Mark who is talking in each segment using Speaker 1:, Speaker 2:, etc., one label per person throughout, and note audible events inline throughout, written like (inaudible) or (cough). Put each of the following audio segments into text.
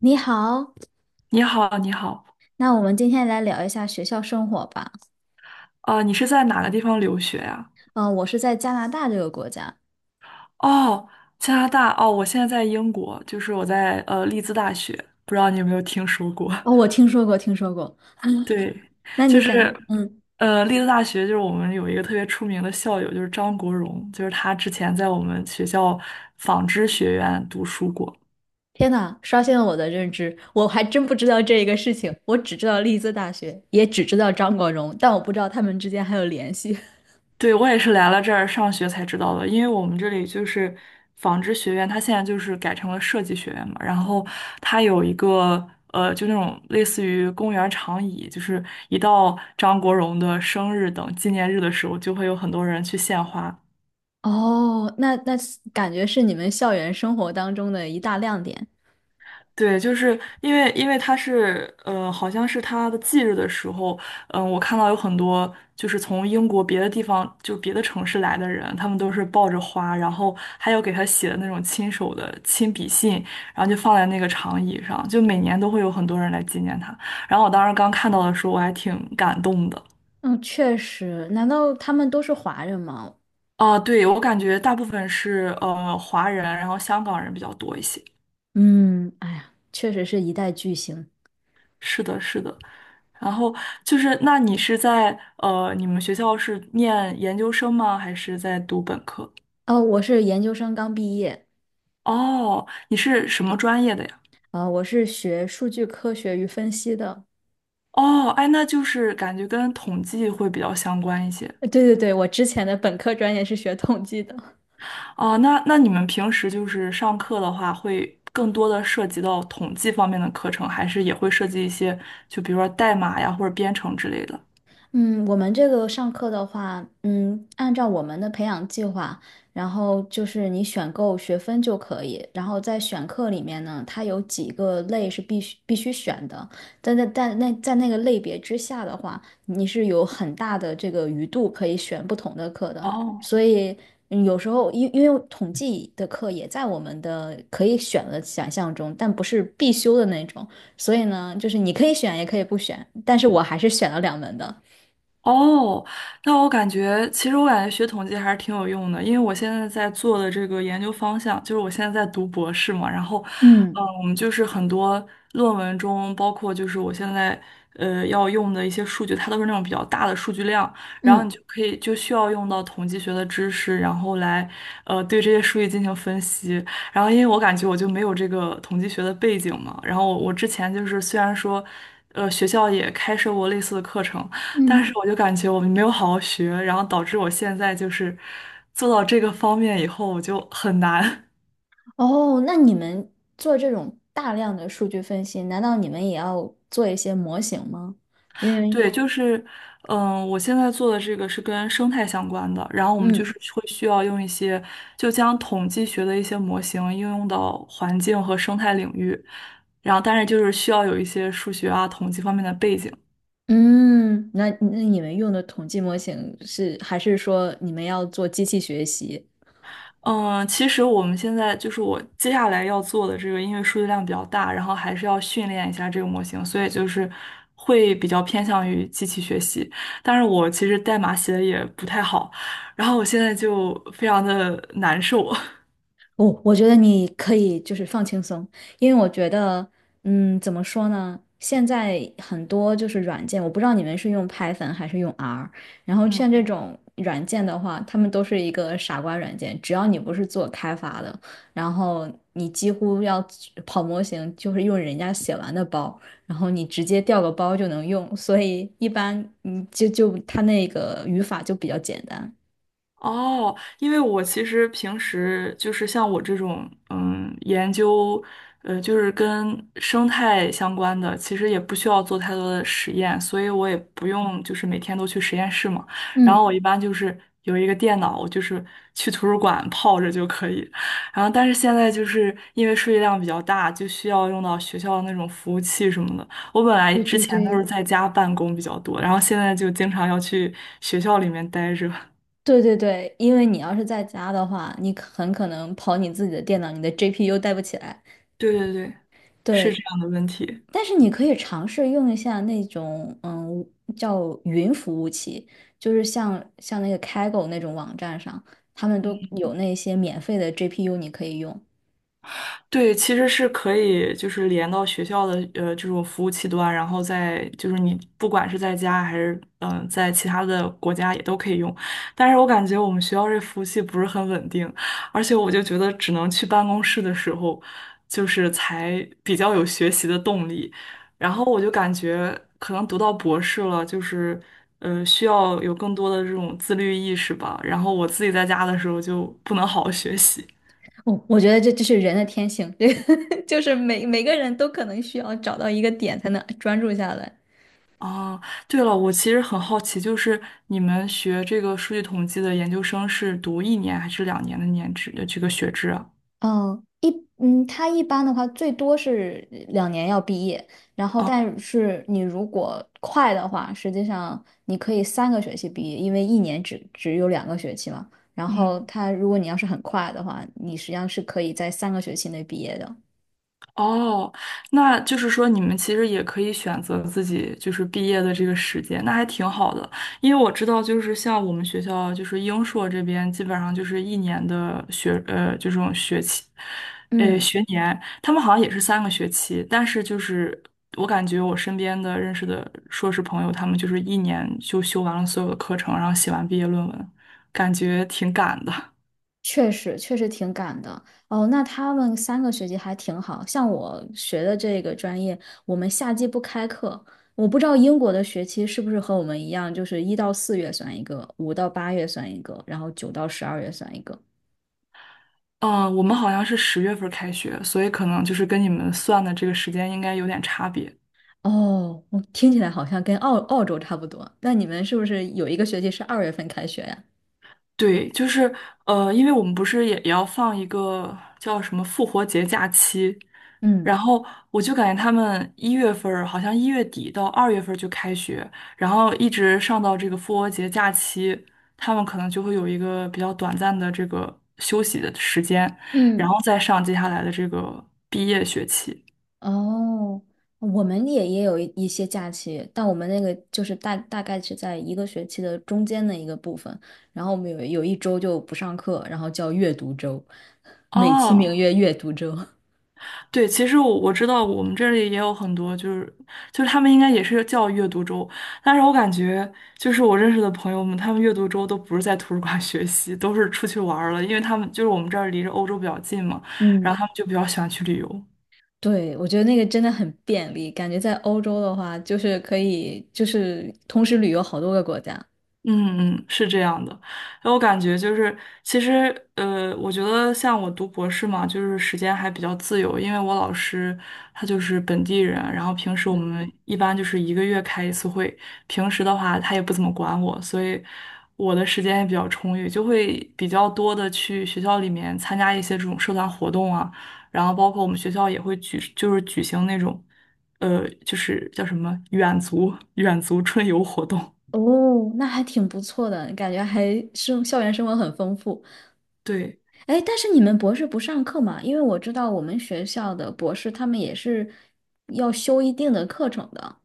Speaker 1: 你好，
Speaker 2: 你好，你好，
Speaker 1: 那我们今天来聊一下学校生活吧。
Speaker 2: 你是在哪个地方留学呀？
Speaker 1: 嗯，我是在加拿大这个国家。
Speaker 2: 哦，加拿大。哦，我现在在英国，就是我在利兹大学，不知道你有没有听说过？
Speaker 1: 哦，我听说过，听说过。
Speaker 2: (laughs) 对，
Speaker 1: 那
Speaker 2: 就
Speaker 1: 你
Speaker 2: 是
Speaker 1: 敢？嗯，
Speaker 2: 利兹大学，就是我们有一个特别出名的校友，就是张国荣，就是他之前在我们学校纺织学院读书过。
Speaker 1: 天呐，刷新了我的认知，我还真不知道这一个事情。我只知道利兹大学，也只知道张国荣，但我不知道他们之间还有联系。
Speaker 2: 对，我也是来了这儿上学才知道的，因为我们这里就是纺织学院，它现在就是改成了设计学院嘛，然后它有一个就那种类似于公园长椅，就是一到张国荣的生日等纪念日的时候，就会有很多人去献花。
Speaker 1: (laughs) 哦，那是感觉是你们校园生活当中的一大亮点。
Speaker 2: 对，就是因为他是好像是他的忌日的时候，我看到有很多就是从英国别的地方，就别的城市来的人，他们都是抱着花，然后还有给他写的那种亲手的亲笔信，然后就放在那个长椅上，就每年都会有很多人来纪念他。然后我当时刚看到的时候，我还挺感动的。
Speaker 1: 嗯，确实。难道他们都是华人吗？
Speaker 2: 对，我感觉大部分是华人，然后香港人比较多一些。
Speaker 1: 嗯，哎呀，确实是一代巨星。
Speaker 2: 是的，是的。然后就是，那你是在呃，你们学校是念研究生吗？还是在读本科？
Speaker 1: 哦，我是研究生刚毕业。
Speaker 2: 哦，你是什么专业的呀？
Speaker 1: 我是学数据科学与分析的。
Speaker 2: 哦，哎，那就是感觉跟统计会比较相关一些。
Speaker 1: (laughs) 对对对，我之前的本科专业是学统计的。
Speaker 2: 哦，那你们平时就是上课的话，会更多的涉及到统计方面的课程，还是也会涉及一些，就比如说代码呀，或者编程之类的？
Speaker 1: 嗯，我们这个上课的话，嗯，按照我们的培养计划，然后就是你选购学分就可以，然后在选课里面呢，它有几个类是必须选的，但在但那在那个类别之下的话，你是有很大的这个余度可以选不同的课的，
Speaker 2: 哦。
Speaker 1: 所以嗯有时候因为统计的课也在我们的可以选的选项中，但不是必修的那种，所以呢，就是你可以选也可以不选，但是我还是选了两门的。
Speaker 2: 哦，那我感觉，其实我感觉学统计还是挺有用的，因为我现在在做的这个研究方向，就是我现在在读博士嘛，然后，
Speaker 1: 嗯
Speaker 2: 就是很多论文中，包括就是我现在要用的一些数据，它都是那种比较大的数据量，然后你
Speaker 1: 嗯
Speaker 2: 就可以就需要用到统计学的知识，然后来对这些数据进行分析。然后因为我感觉我就没有这个统计学的背景嘛，然后我之前就是虽然说，学校也开设过类似的课程。但
Speaker 1: 嗯，
Speaker 2: 是我就感觉我没有好好学，然后导致我现在就是做到这个方面以后，我就很难。
Speaker 1: 哦，那你们做这种大量的数据分析，难道你们也要做一些模型吗？因
Speaker 2: (laughs)
Speaker 1: 为，
Speaker 2: 对，就是，我现在做的这个是跟生态相关的，然后我们就是
Speaker 1: 嗯
Speaker 2: 会需要用一些，就将统计学的一些模型应用到环境和生态领域，然后但是就是需要有一些数学啊、统计方面的背景。
Speaker 1: 嗯，那那你们用的统计模型是，还是说你们要做机器学习？
Speaker 2: 嗯，其实我们现在就是我接下来要做的这个，因为数据量比较大，然后还是要训练一下这个模型，所以就是会比较偏向于机器学习。但是我其实代码写的也不太好，然后我现在就非常的难受。(laughs)
Speaker 1: 我我觉得你可以就是放轻松，因为我觉得，嗯，怎么说呢？现在很多就是软件，我不知道你们是用 Python 还是用 R,然后像这
Speaker 2: 嗯。
Speaker 1: 种软件的话，他们都是一个傻瓜软件，只要你不是做开发的，然后你几乎要跑模型，就是用人家写完的包，然后你直接调个包就能用，所以一般你就它那个语法就比较简单。
Speaker 2: 哦，因为我其实平时就是像我这种，研究，就是跟生态相关的，其实也不需要做太多的实验，所以我也不用就是每天都去实验室嘛。然
Speaker 1: 嗯，
Speaker 2: 后我一般就是有一个电脑，我就是去图书馆泡着就可以。然后但是现在就是因为数据量比较大，就需要用到学校的那种服务器什么的。我本来
Speaker 1: 对
Speaker 2: 之
Speaker 1: 对
Speaker 2: 前都是
Speaker 1: 对，
Speaker 2: 在家办公比较多，然后现在就经常要去学校里面待着。(laughs)
Speaker 1: 对对对，因为你要是在家的话，你很可能跑你自己的电脑，你的 GPU 带不起来。
Speaker 2: 对对对。是
Speaker 1: 对，
Speaker 2: 这样的问题。
Speaker 1: 但是你可以尝试用一下那种叫云服务器，就是像那个 Kaggle 那种网站上，他们都有那些免费的 GPU 你可以用。
Speaker 2: 对，其实是可以，就是连到学校的这种服务器端，然后再就是你不管是在家还是在其他的国家也都可以用，但是我感觉我们学校这服务器不是很稳定，而且我就觉得只能去办公室的时候，就是才比较有学习的动力，然后我就感觉可能读到博士了，就是需要有更多的这种自律意识吧，然后我自己在家的时候就不能好好学习。
Speaker 1: 我我觉得这就是人的天性，这个 (laughs) 就是每个人都可能需要找到一个点才能专注下来。
Speaker 2: 哦，对了，我其实很好奇，就是你们学这个数据统计的研究生是读一年还是2年的年制这个学制啊？
Speaker 1: 嗯，一嗯，他一般的话最多是两年要毕业，然后
Speaker 2: 哦，
Speaker 1: 但是你如果快的话，实际上你可以三个学期毕业，因为一年只有两个学期嘛。然后
Speaker 2: 嗯，
Speaker 1: 他如果你要是很快的话，你实际上是可以在三个学期内毕业的。
Speaker 2: 哦，那就是说你们其实也可以选择自己就是毕业的这个时间，那还挺好的。因为我知道，就是像我们学校，就是英硕这边，基本上就是一年的学，就这种学期，
Speaker 1: 嗯。
Speaker 2: 学年，他们好像也是3个学期，但是就是我感觉我身边的认识的硕士朋友，他们就是一年就修完了所有的课程，然后写完毕业论文，感觉挺赶的。
Speaker 1: 确实，确实挺赶的哦。那他们三个学期还挺好，像我学的这个专业，我们夏季不开课。我不知道英国的学期是不是和我们一样，就是一到四月算一个，五到八月算一个，然后九到十二月算一个。
Speaker 2: 嗯，我们好像是10月份开学，所以可能就是跟你们算的这个时间应该有点差别。
Speaker 1: 哦，我听起来好像跟澳洲差不多。那你们是不是有一个学期是二月份开学呀？
Speaker 2: 对，就是因为我们不是也要放一个叫什么复活节假期，
Speaker 1: 嗯。
Speaker 2: 然后我就感觉他们1月份儿好像1月底到2月份儿就开学，然后一直上到这个复活节假期，他们可能就会有一个比较短暂的这个休息的时间，然
Speaker 1: 嗯。
Speaker 2: 后再上接下来的这个毕业学期。
Speaker 1: 哦，我们也有一些假期，但我们那个就是大概是在一个学期的中间的一个部分，然后我们有一周就不上课，然后叫阅读周，美其名
Speaker 2: 哦，
Speaker 1: 曰阅读周。(laughs)
Speaker 2: 对，其实我知道我们这里也有很多，就是就是他们应该也是叫阅读周，但是我感觉就是我认识的朋友们，他们阅读周都不是在图书馆 (laughs) 学习，都是出去玩儿了，因为他们就是我们这儿离着欧洲比较近嘛，然
Speaker 1: 嗯，
Speaker 2: 后他们就比较喜欢去旅游。
Speaker 1: 对，我觉得那个真的很便利，感觉在欧洲的话，就是可以就是同时旅游好多个国家。
Speaker 2: 嗯嗯，是这样的，然后我感觉就是，其实我觉得像我读博士嘛，就是时间还比较自由，因为我老师他就是本地人，然后平时我们
Speaker 1: 嗯，
Speaker 2: 一般就是1个月开1次会，平时的话他也不怎么管我，所以我的时间也比较充裕，就会比较多的去学校里面参加一些这种社团活动啊，然后包括我们学校也会举，就是举行那种，就是叫什么远足春游活动。(laughs)
Speaker 1: 哦，那还挺不错的，感觉还生校园生活很丰富。
Speaker 2: 对，
Speaker 1: 哎，但是你们博士不上课嘛？因为我知道我们学校的博士他们也是要修一定的课程的。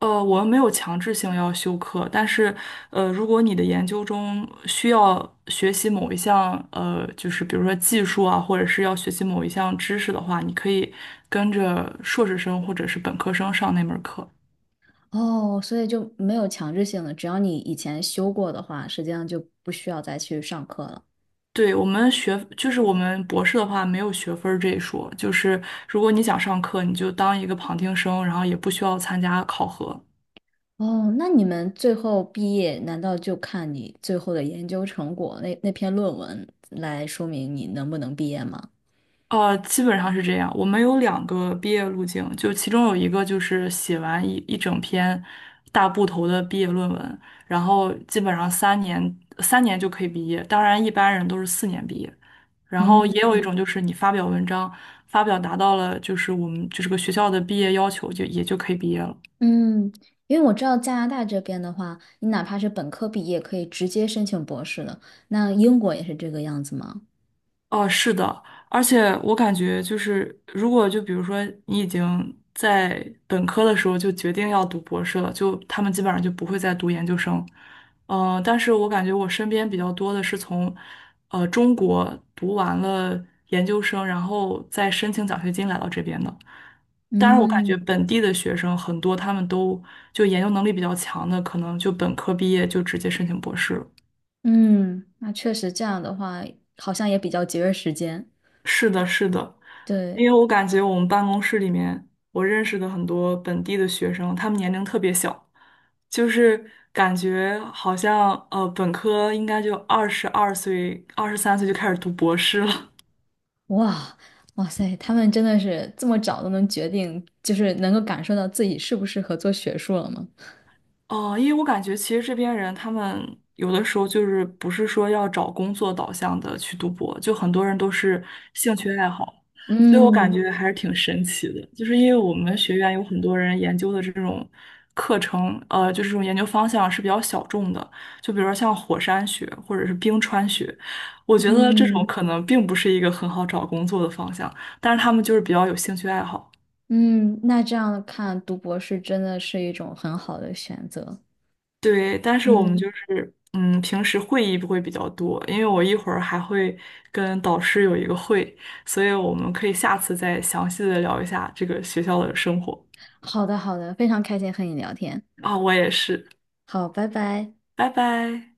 Speaker 2: 我们没有强制性要修课，但是，如果你的研究中需要学习某一项，就是比如说技术啊，或者是要学习某一项知识的话，你可以跟着硕士生或者是本科生上那门课。
Speaker 1: 哦，所以就没有强制性的，只要你以前修过的话，实际上就不需要再去上课了。
Speaker 2: 对，我们学，就是我们博士的话没有学分儿这一说，就是如果你想上课，你就当一个旁听生，然后也不需要参加考核。
Speaker 1: 哦，那你们最后毕业，难道就看你最后的研究成果那篇论文来说明你能不能毕业吗？
Speaker 2: 基本上是这样。我们有2个毕业路径，就其中有一个就是写完一整篇大部头的毕业论文，然后基本上三年三年就可以毕业。当然，一般人都是4年毕业。然后
Speaker 1: 嗯
Speaker 2: 也有一种就是你发表文章，发表达到了就是我们就是个学校的毕业要求，就也就可以毕业了。
Speaker 1: 嗯，因为我知道加拿大这边的话，你哪怕是本科毕业，可以直接申请博士的。那英国也是这个样子吗？
Speaker 2: 哦，是的，而且我感觉就是，如果就比如说你已经在本科的时候就决定要读博士了，就他们基本上就不会再读研究生。但是我感觉我身边比较多的是从，中国读完了研究生，然后再申请奖学金来到这边的。当然，我感觉
Speaker 1: 嗯
Speaker 2: 本地的学生很多，他们都就研究能力比较强的，可能就本科毕业就直接申请博士了。
Speaker 1: 嗯，那确实这样的话，好像也比较节约时间。
Speaker 2: 是的，是的，
Speaker 1: 对，
Speaker 2: 因为我感觉我们办公室里面，我认识的很多本地的学生，他们年龄特别小，就是感觉好像本科应该就22岁、23岁就开始读博士了，
Speaker 1: 哇哇塞，他们真的是这么早都能决定，就是能够感受到自己适不适合做学术了吗？
Speaker 2: 哦，因为我感觉其实这边人他们有的时候就是不是说要找工作导向的去读博，就很多人都是兴趣爱好，所以我感
Speaker 1: 嗯
Speaker 2: 觉还是挺神奇的。就是因为我们学院有很多人研究的这种课程，就是这种研究方向是比较小众的，就比如说像火山学或者是冰川学，我觉得这种
Speaker 1: 嗯
Speaker 2: 可能并不是一个很好找工作的方向，但是他们就是比较有兴趣爱好。
Speaker 1: 嗯，那这样看，读博士真的是一种很好的选择。
Speaker 2: 对，但是我们
Speaker 1: 嗯，
Speaker 2: 就是，平时会议不会比较多，因为我一会儿还会跟导师有一个会，所以我们可以下次再详细的聊一下这个学校的生活。
Speaker 1: 好的好的，非常开心和你聊天。
Speaker 2: 啊，我也是，
Speaker 1: 好，拜拜。
Speaker 2: 拜拜。